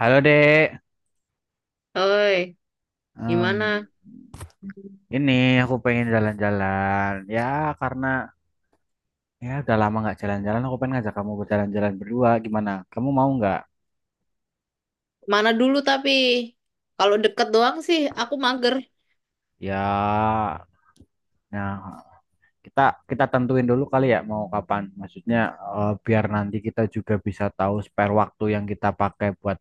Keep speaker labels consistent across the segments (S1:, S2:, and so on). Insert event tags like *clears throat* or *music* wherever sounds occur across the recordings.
S1: Halo Dek,
S2: Oi,
S1: Em,
S2: gimana?
S1: ini aku pengen jalan-jalan. Ya karena ya udah lama nggak jalan-jalan, aku pengen ngajak kamu berjalan-jalan berdua. Gimana? Kamu mau nggak?
S2: Mana dulu tapi kalau deket doang sih aku mager.
S1: Ya, nah kita kita tentuin dulu kali ya mau kapan. Maksudnya biar nanti kita juga bisa tahu spare waktu yang kita pakai buat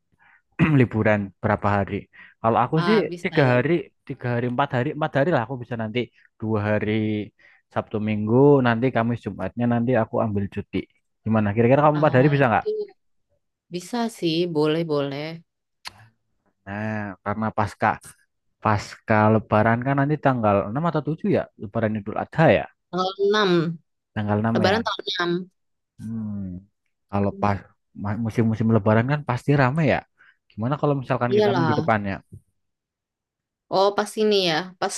S1: *clears throat* liburan berapa hari. Kalau aku sih
S2: Ah, bisa
S1: tiga
S2: tuh.
S1: hari, tiga hari, empat hari, empat hari lah aku bisa nanti dua hari Sabtu Minggu, nanti Kamis Jumatnya nanti aku ambil cuti. Gimana? Kira-kira kamu empat hari
S2: Ah,
S1: bisa nggak?
S2: itu bisa sih, boleh-boleh.
S1: Nah, karena pasca pasca Lebaran kan nanti tanggal 6 atau 7 ya, Lebaran Idul Adha ya,
S2: Tanggal enam,
S1: tanggal 6 ya.
S2: Lebaran tanggal 6.
S1: Hmm, kalau pas musim-musim Lebaran kan pasti rame ya. Gimana kalau misalkan kita minggu
S2: Iyalah.
S1: depannya?
S2: Oh, pas ini ya. Pas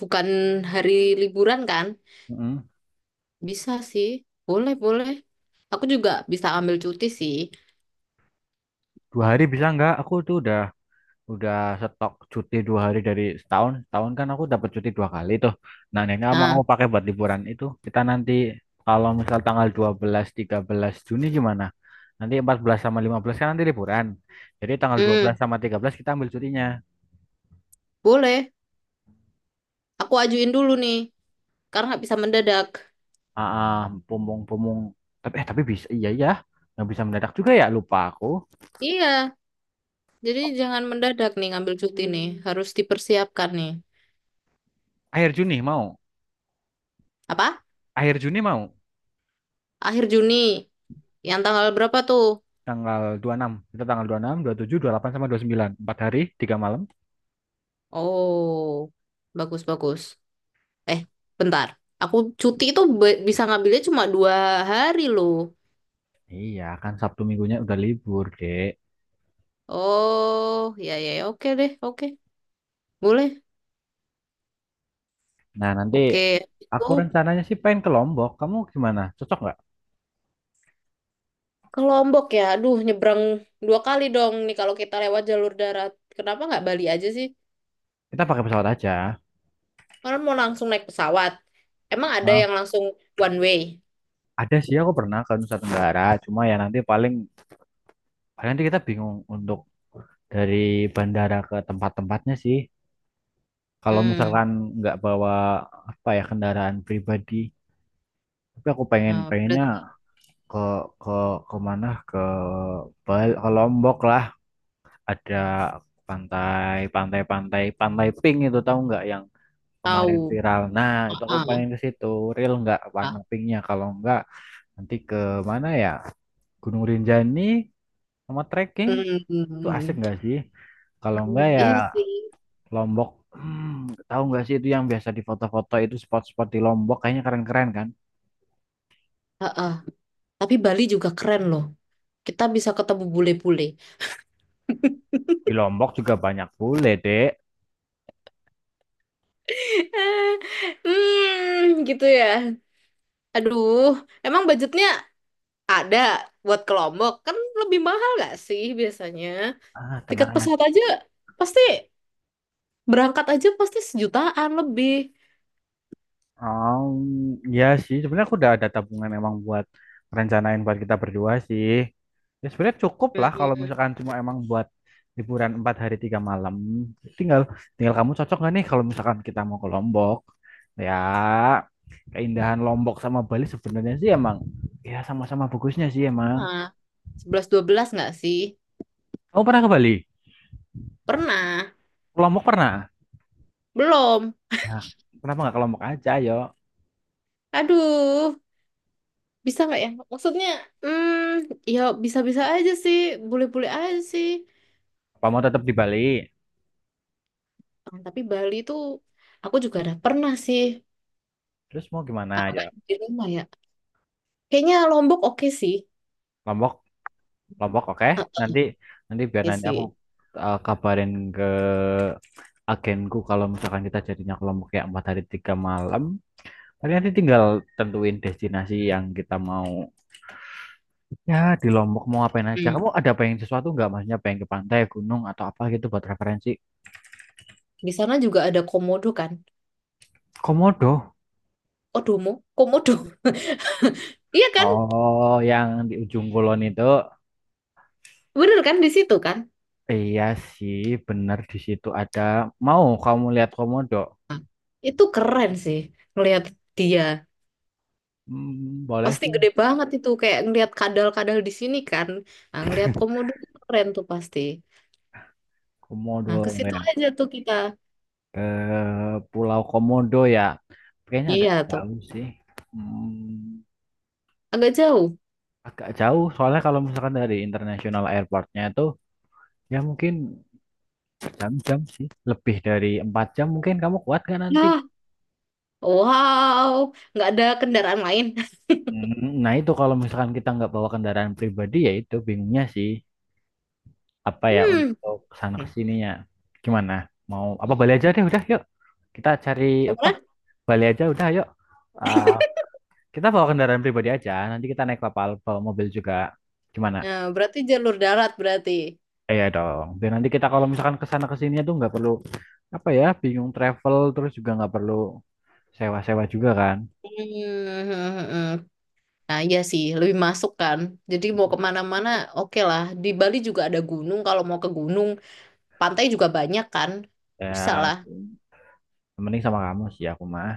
S2: bukan hari liburan kan?
S1: Mm-mm.
S2: Bisa sih. Boleh-boleh. Aku juga bisa ambil cuti sih.
S1: Dua hari bisa nggak? Aku tuh udah stok cuti dua hari dari setahun setahun kan aku dapat cuti dua kali tuh. Nah, Nena mau
S2: Nah,
S1: pakai buat liburan itu kita nanti kalau misal tanggal dua belas tiga belas Juni gimana, nanti 14 sama 15 kan nanti liburan, jadi tanggal 12
S2: hmm,
S1: sama 13 kita ambil cutinya.
S2: boleh. Aku ajuin dulu nih, karena nggak bisa mendadak.
S1: ah ah, pumung pumung, tapi tapi bisa iya ya, nggak bisa mendadak juga ya, lupa aku.
S2: Iya. Jadi jangan mendadak nih ngambil cuti nih, harus dipersiapkan nih.
S1: Akhir Juni mau,
S2: Apa?
S1: akhir Juni mau
S2: Akhir Juni. Yang tanggal berapa tuh?
S1: tanggal dua puluh enam, kita tanggal 26 27 delapan sama dua puluh sembilan, 4 hari 3 malam.
S2: Oh, bagus bagus. Eh, bentar. Aku cuti itu bisa ngambilnya cuma dua hari loh.
S1: Iya, kan Sabtu Minggunya udah libur, Dek.
S2: Oh, ya ya, ya. Oke deh, oke, boleh,
S1: Nah, nanti
S2: oke. Itu
S1: aku rencananya sih pengen ke Lombok. Kamu gimana? Cocok nggak?
S2: ke Lombok ya. Aduh, nyebrang dua kali dong nih kalau kita lewat jalur darat. Kenapa nggak Bali aja sih?
S1: Kita pakai pesawat aja.
S2: Orang mau langsung naik pesawat. Emang ada
S1: Heeh.
S2: yang langsung one way?
S1: Ada sih, aku pernah ke Nusa Tenggara. Cuma ya nanti paling, paling nanti kita bingung untuk dari bandara ke tempat-tempatnya sih. Kalau
S2: Hmm,
S1: misalkan nggak bawa apa ya, kendaraan pribadi. Tapi aku pengen
S2: ah
S1: pengennya
S2: berarti
S1: ke ke ke mana? Ke Lombok lah. Ada pantai, pantai, pantai, pantai pink itu tahu nggak yang kemarin
S2: tahu.
S1: viral. Nah, itu aku
S2: Heeh.
S1: paling ke situ. Real nggak warna
S2: Ah,
S1: pinknya? Kalau nggak, nanti ke mana ya? Gunung Rinjani sama trekking itu asik
S2: hmm.
S1: nggak sih? Kalau nggak ya
S2: Iya sih.
S1: Lombok. Hmm, tahu nggak sih itu yang biasa di foto-foto itu spot-spot di Lombok kayaknya keren-keren kan?
S2: Ah ah. Tapi Bali juga keren loh. Kita bisa ketemu bule-bule. *laughs*
S1: Di Lombok juga banyak bule, Dek.
S2: Hmm, gitu ya. Aduh, emang budgetnya ada buat ke Lombok? Kan lebih mahal gak sih biasanya?
S1: Ah,
S2: Tiket
S1: tenang.
S2: pesawat aja pasti berangkat aja pasti sejutaan lebih.
S1: Oh, ya sih. Sebenarnya aku udah ada tabungan emang buat rencanain buat kita berdua sih. Ya sebenarnya cukup lah
S2: Hmm,
S1: kalau misalkan cuma emang buat liburan empat hari tiga malam. Tinggal tinggal kamu cocok gak nih kalau misalkan kita mau ke Lombok? Ya, keindahan Lombok sama Bali sebenarnya sih emang ya sama-sama bagusnya sih emang.
S2: pernah. Sebelas dua belas nggak sih?
S1: Kamu pernah ke Bali?
S2: Pernah.
S1: Ke Lombok pernah?
S2: Belum.
S1: Nah, kenapa nggak ke Lombok aja, yo?
S2: Aduh. Bisa nggak ya? Maksudnya, hmm, ya bisa-bisa aja sih, boleh-boleh aja sih.
S1: Apa mau tetap di Bali?
S2: Ah, tapi Bali tuh, aku juga ada pernah sih.
S1: Terus mau gimana,
S2: Ah,
S1: ya?
S2: kan di rumah ya. Kayaknya Lombok oke sih.
S1: Lombok Lombok oke.
S2: Ah,
S1: Nanti nanti biar
S2: oke
S1: nanti aku
S2: sih.
S1: kabarin ke agenku kalau misalkan kita jadinya ke Lombok ya, empat hari tiga malam. Tapi nanti tinggal tentuin destinasi yang kita mau. Ya di Lombok mau ngapain aja.
S2: Hmm.
S1: Kamu ada pengen sesuatu nggak? Maksudnya pengen ke pantai, gunung atau apa gitu buat referensi?
S2: Di sana juga ada komodo kan?
S1: Komodo.
S2: Odomo, komodo. *laughs* Iya kan?
S1: Oh, yang di ujung kulon itu.
S2: Bener kan di situ kan?
S1: Iya sih, bener di situ ada. Mau kamu lihat komodo?
S2: Itu keren sih ngelihat dia.
S1: Hmm, boleh
S2: Pasti
S1: sih.
S2: gede banget itu kayak ngelihat kadal-kadal di sini kan. Nah, ngelihat komodo keren tuh pasti.
S1: Komodo
S2: Nah, ke situ
S1: ya.
S2: aja tuh kita.
S1: Ke Pulau Komodo ya. Kayaknya agak
S2: Iya tuh,
S1: jauh sih. Hmm,
S2: agak jauh.
S1: agak jauh soalnya kalau misalkan dari International Airportnya itu ya mungkin jam-jam sih. Lebih dari empat jam mungkin kamu kuat kan nanti?
S2: Nah, wow, nggak ada kendaraan lain. *laughs*
S1: Hmm, nah itu kalau misalkan kita nggak bawa kendaraan pribadi ya itu bingungnya sih. Apa ya untuk kesana
S2: Hmm.
S1: kesininya. Gimana? Mau apa Bali
S2: Hmm.
S1: aja deh udah, yuk. Kita cari apa?
S2: Kemana?
S1: Bali aja udah yuk. Ah, kita bawa kendaraan pribadi aja, nanti kita naik kapal, bawa mobil juga. Gimana?
S2: Nah, berarti jalur darat berarti.
S1: Iya dong. Dan nanti kita kalau misalkan ke sana ke sininya tuh nggak perlu apa ya, bingung travel terus juga nggak perlu sewa-sewa juga kan.
S2: Hmm. Nah, iya sih, lebih masuk kan. Jadi mau kemana-mana, oke lah. Di Bali juga ada gunung, kalau mau ke gunung, pantai juga banyak kan. Bisa
S1: Ya,
S2: lah.
S1: mending sama kamu sih aku mah.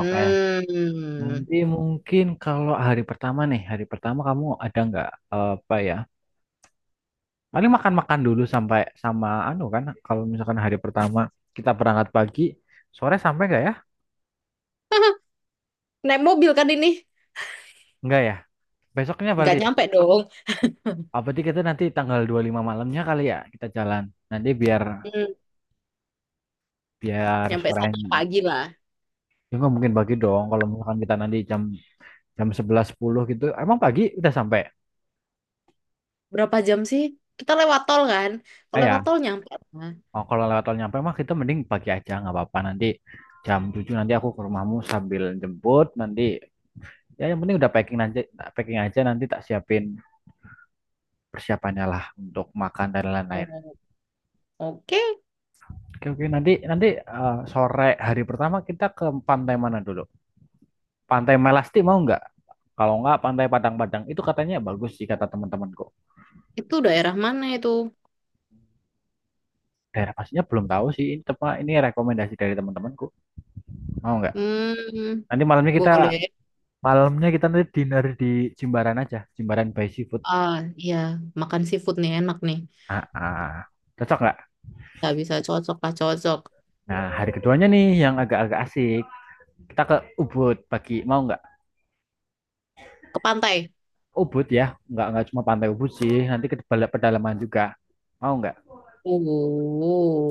S1: Oke. Nanti mungkin kalau hari pertama nih, hari pertama kamu ada nggak apa ya? Paling makan-makan dulu sampai sama anu kan. Kalau misalkan hari pertama kita berangkat pagi, sore sampai nggak ya?
S2: Naik mobil kan ini?
S1: Nggak ya. Besoknya
S2: Nggak
S1: balik.
S2: nyampe dong.
S1: Apa berarti kita nanti tanggal 25 malamnya kali ya kita jalan. Nanti biar
S2: Hmm.
S1: biar
S2: Nyampe sana
S1: sorenya.
S2: pagi lah.
S1: Ya nggak mungkin pagi dong kalau misalkan kita nanti jam jam 11.10 gitu. Emang pagi udah sampai?
S2: Berapa jam sih? Kita lewat tol kan? Kalau lewat
S1: Ya,
S2: tol nyampe. Lah.
S1: oh, kalau lewat tol nyampe mah kita mending pagi aja nggak apa-apa, nanti jam 7 nanti aku ke rumahmu sambil jemput, nanti ya yang penting udah packing aja, packing aja nanti tak siapin persiapannya lah untuk makan dan lain-lain.
S2: Oh, oke.
S1: Oke oke nanti nanti sore hari pertama kita ke Pantai mana dulu? Pantai Melasti mau nggak? Kalau nggak Pantai Padang-Padang itu katanya bagus sih kata teman-temanku.
S2: Itu daerah mana itu?
S1: Daerah pastinya belum tahu sih. Ini rekomendasi dari teman-temanku. Mau nggak?
S2: Hmm,
S1: Nanti
S2: boleh.
S1: malamnya kita nanti dinner di Jimbaran aja. Jimbaran by Seafood.
S2: Ah, iya, makan seafood nih enak nih.
S1: Ah, ah, cocok nggak?
S2: Nggak bisa cocok lah, cocok.
S1: Nah, hari keduanya nih yang agak-agak asik. Kita ke Ubud pagi. Mau nggak?
S2: Ke pantai.
S1: Ubud ya, nggak cuma pantai Ubud sih. Nanti ke pedalaman juga. Mau nggak?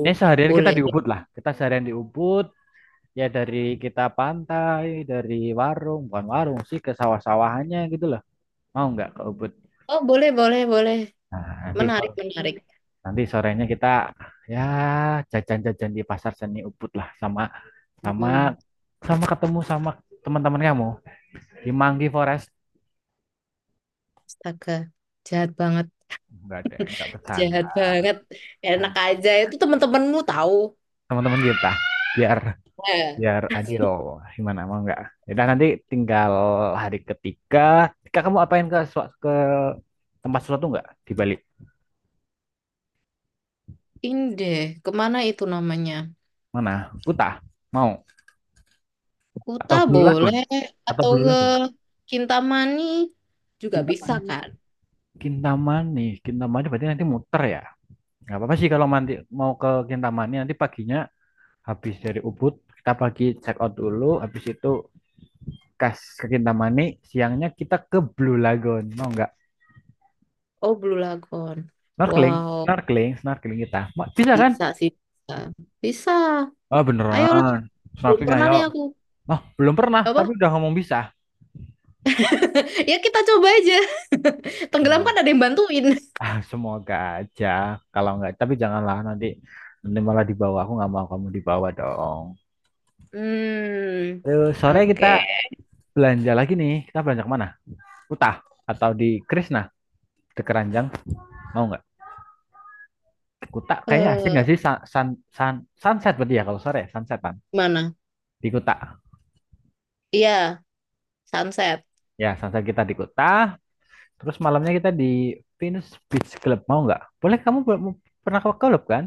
S1: Ini seharian kita
S2: boleh.
S1: di Ubud lah. Kita seharian di Ubud, ya dari kita pantai, dari warung, bukan warung sih ke sawah-sawahannya gitu loh. Mau nggak ke Ubud?
S2: Oh, boleh, boleh, boleh.
S1: Nah, nanti
S2: Menarik,
S1: so-
S2: menarik.
S1: Nanti sorenya kita ya jajan-jajan di pasar seni Ubud lah sama sama
S2: Hmm,
S1: sama ketemu sama teman-teman kamu di Manggi Forest.
S2: astaga, jahat banget,
S1: Nggak ada, enggak bercanda.
S2: jahat banget. Enak aja, itu teman-temanmu tahu.
S1: Teman-teman kita biar
S2: Nah,
S1: biar adil, gimana mau nggak? Ya nanti tinggal hari ketiga. Ketika kamu apain ke tempat sesuatu nggak di Bali?
S2: ini deh, kemana itu namanya?
S1: Mana? Kuta. Mau?
S2: Kuta
S1: Atau Blue Lagoon?
S2: boleh,
S1: Atau
S2: atau
S1: Blue
S2: ke
S1: Lagoon?
S2: Kintamani juga bisa
S1: Kintamani.
S2: kan?
S1: Kintamani. Kintamani berarti nanti muter ya. Nggak apa-apa sih kalau nanti mau ke Kintamani, nanti paginya habis dari Ubud kita pagi check out dulu. Habis itu kas ke Kintamani. Siangnya kita ke Blue Lagoon. Mau nggak?
S2: Oh, Blue Lagoon.
S1: Snorkeling,
S2: Wow,
S1: snorkeling, snorkeling kita. Bisa kan?
S2: bisa sih. Bisa. Bisa.
S1: Oh
S2: Ayolah.
S1: beneran.
S2: Belum
S1: Snorkeling
S2: pernah
S1: ayo.
S2: nih aku.
S1: Oh belum pernah
S2: Apa?
S1: tapi udah ngomong bisa.
S2: *laughs* Ya kita coba aja. *laughs* Tenggelam kan
S1: Beneran.
S2: ada yang bantuin. *laughs*
S1: Ah, semoga aja. Kalau nggak tapi janganlah nanti nanti malah dibawa. Aku nggak mau kamu dibawa dong.
S2: Hmm.
S1: Terus sore kita
S2: Oke.
S1: belanja lagi nih. Kita belanja kemana? Kuta atau di Krisna di Keranjang mau nggak? Kuta kayaknya asik
S2: Eh,
S1: nggak sih. Sunset berarti ya kalau sore ya, sunsetan
S2: mana?
S1: di Kuta.
S2: Iya, sunset.
S1: Ya sunset kita di Kuta. Terus malamnya kita di Venus Beach Club mau nggak? Boleh kamu pernah ke klub kan?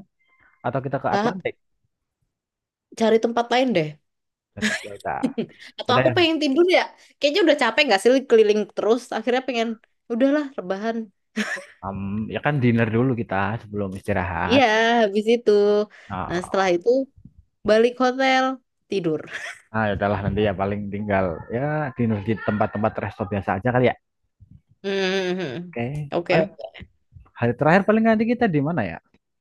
S1: Atau kita ke
S2: Kak,
S1: Atlantik?
S2: cari tempat lain deh.
S1: Kuta.
S2: *laughs* Atau
S1: Udah
S2: aku
S1: ya.
S2: pengen tidur ya. Kayaknya udah capek gak sih keliling terus. Akhirnya pengen, udahlah rebahan.
S1: Em, ya kan dinner dulu kita sebelum istirahat.
S2: Iya, habis itu. Nah, setelah
S1: Oh.
S2: itu balik hotel, tidur.
S1: Nah, ya udahlah nanti ya paling tinggal ya dinner di tempat-tempat resto biasa aja kali ya.
S2: Hmm, hmm, hmm.
S1: Oke,
S2: Oke,
S1: paling
S2: oke.
S1: hari terakhir paling nanti kita di mana ya?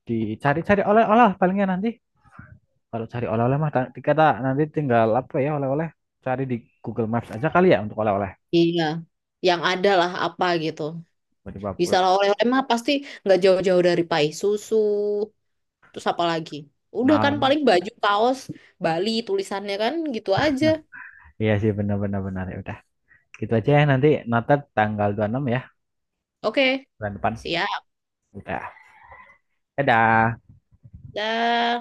S1: Dicari-cari oleh-oleh palingnya nanti. Kalau cari oleh-oleh mah nanti kata nanti tinggal apa ya oleh-oleh. Cari di Google Maps aja kali ya untuk oleh-oleh.
S2: Iya. Yang ada lah apa gitu.
S1: Tiba-tiba
S2: Bisa lah
S1: pulang.
S2: oleh-oleh mah pasti nggak jauh-jauh dari pai susu. Terus apa lagi? Udah
S1: Nah,
S2: kan paling baju kaos Bali tulisannya kan gitu aja.
S1: iya sih benar. Ya udah. Gitu aja ya nanti Natal tanggal 26 ya
S2: Oke.
S1: bulan depan.
S2: Siap.
S1: Udah. Dadah.
S2: Dah.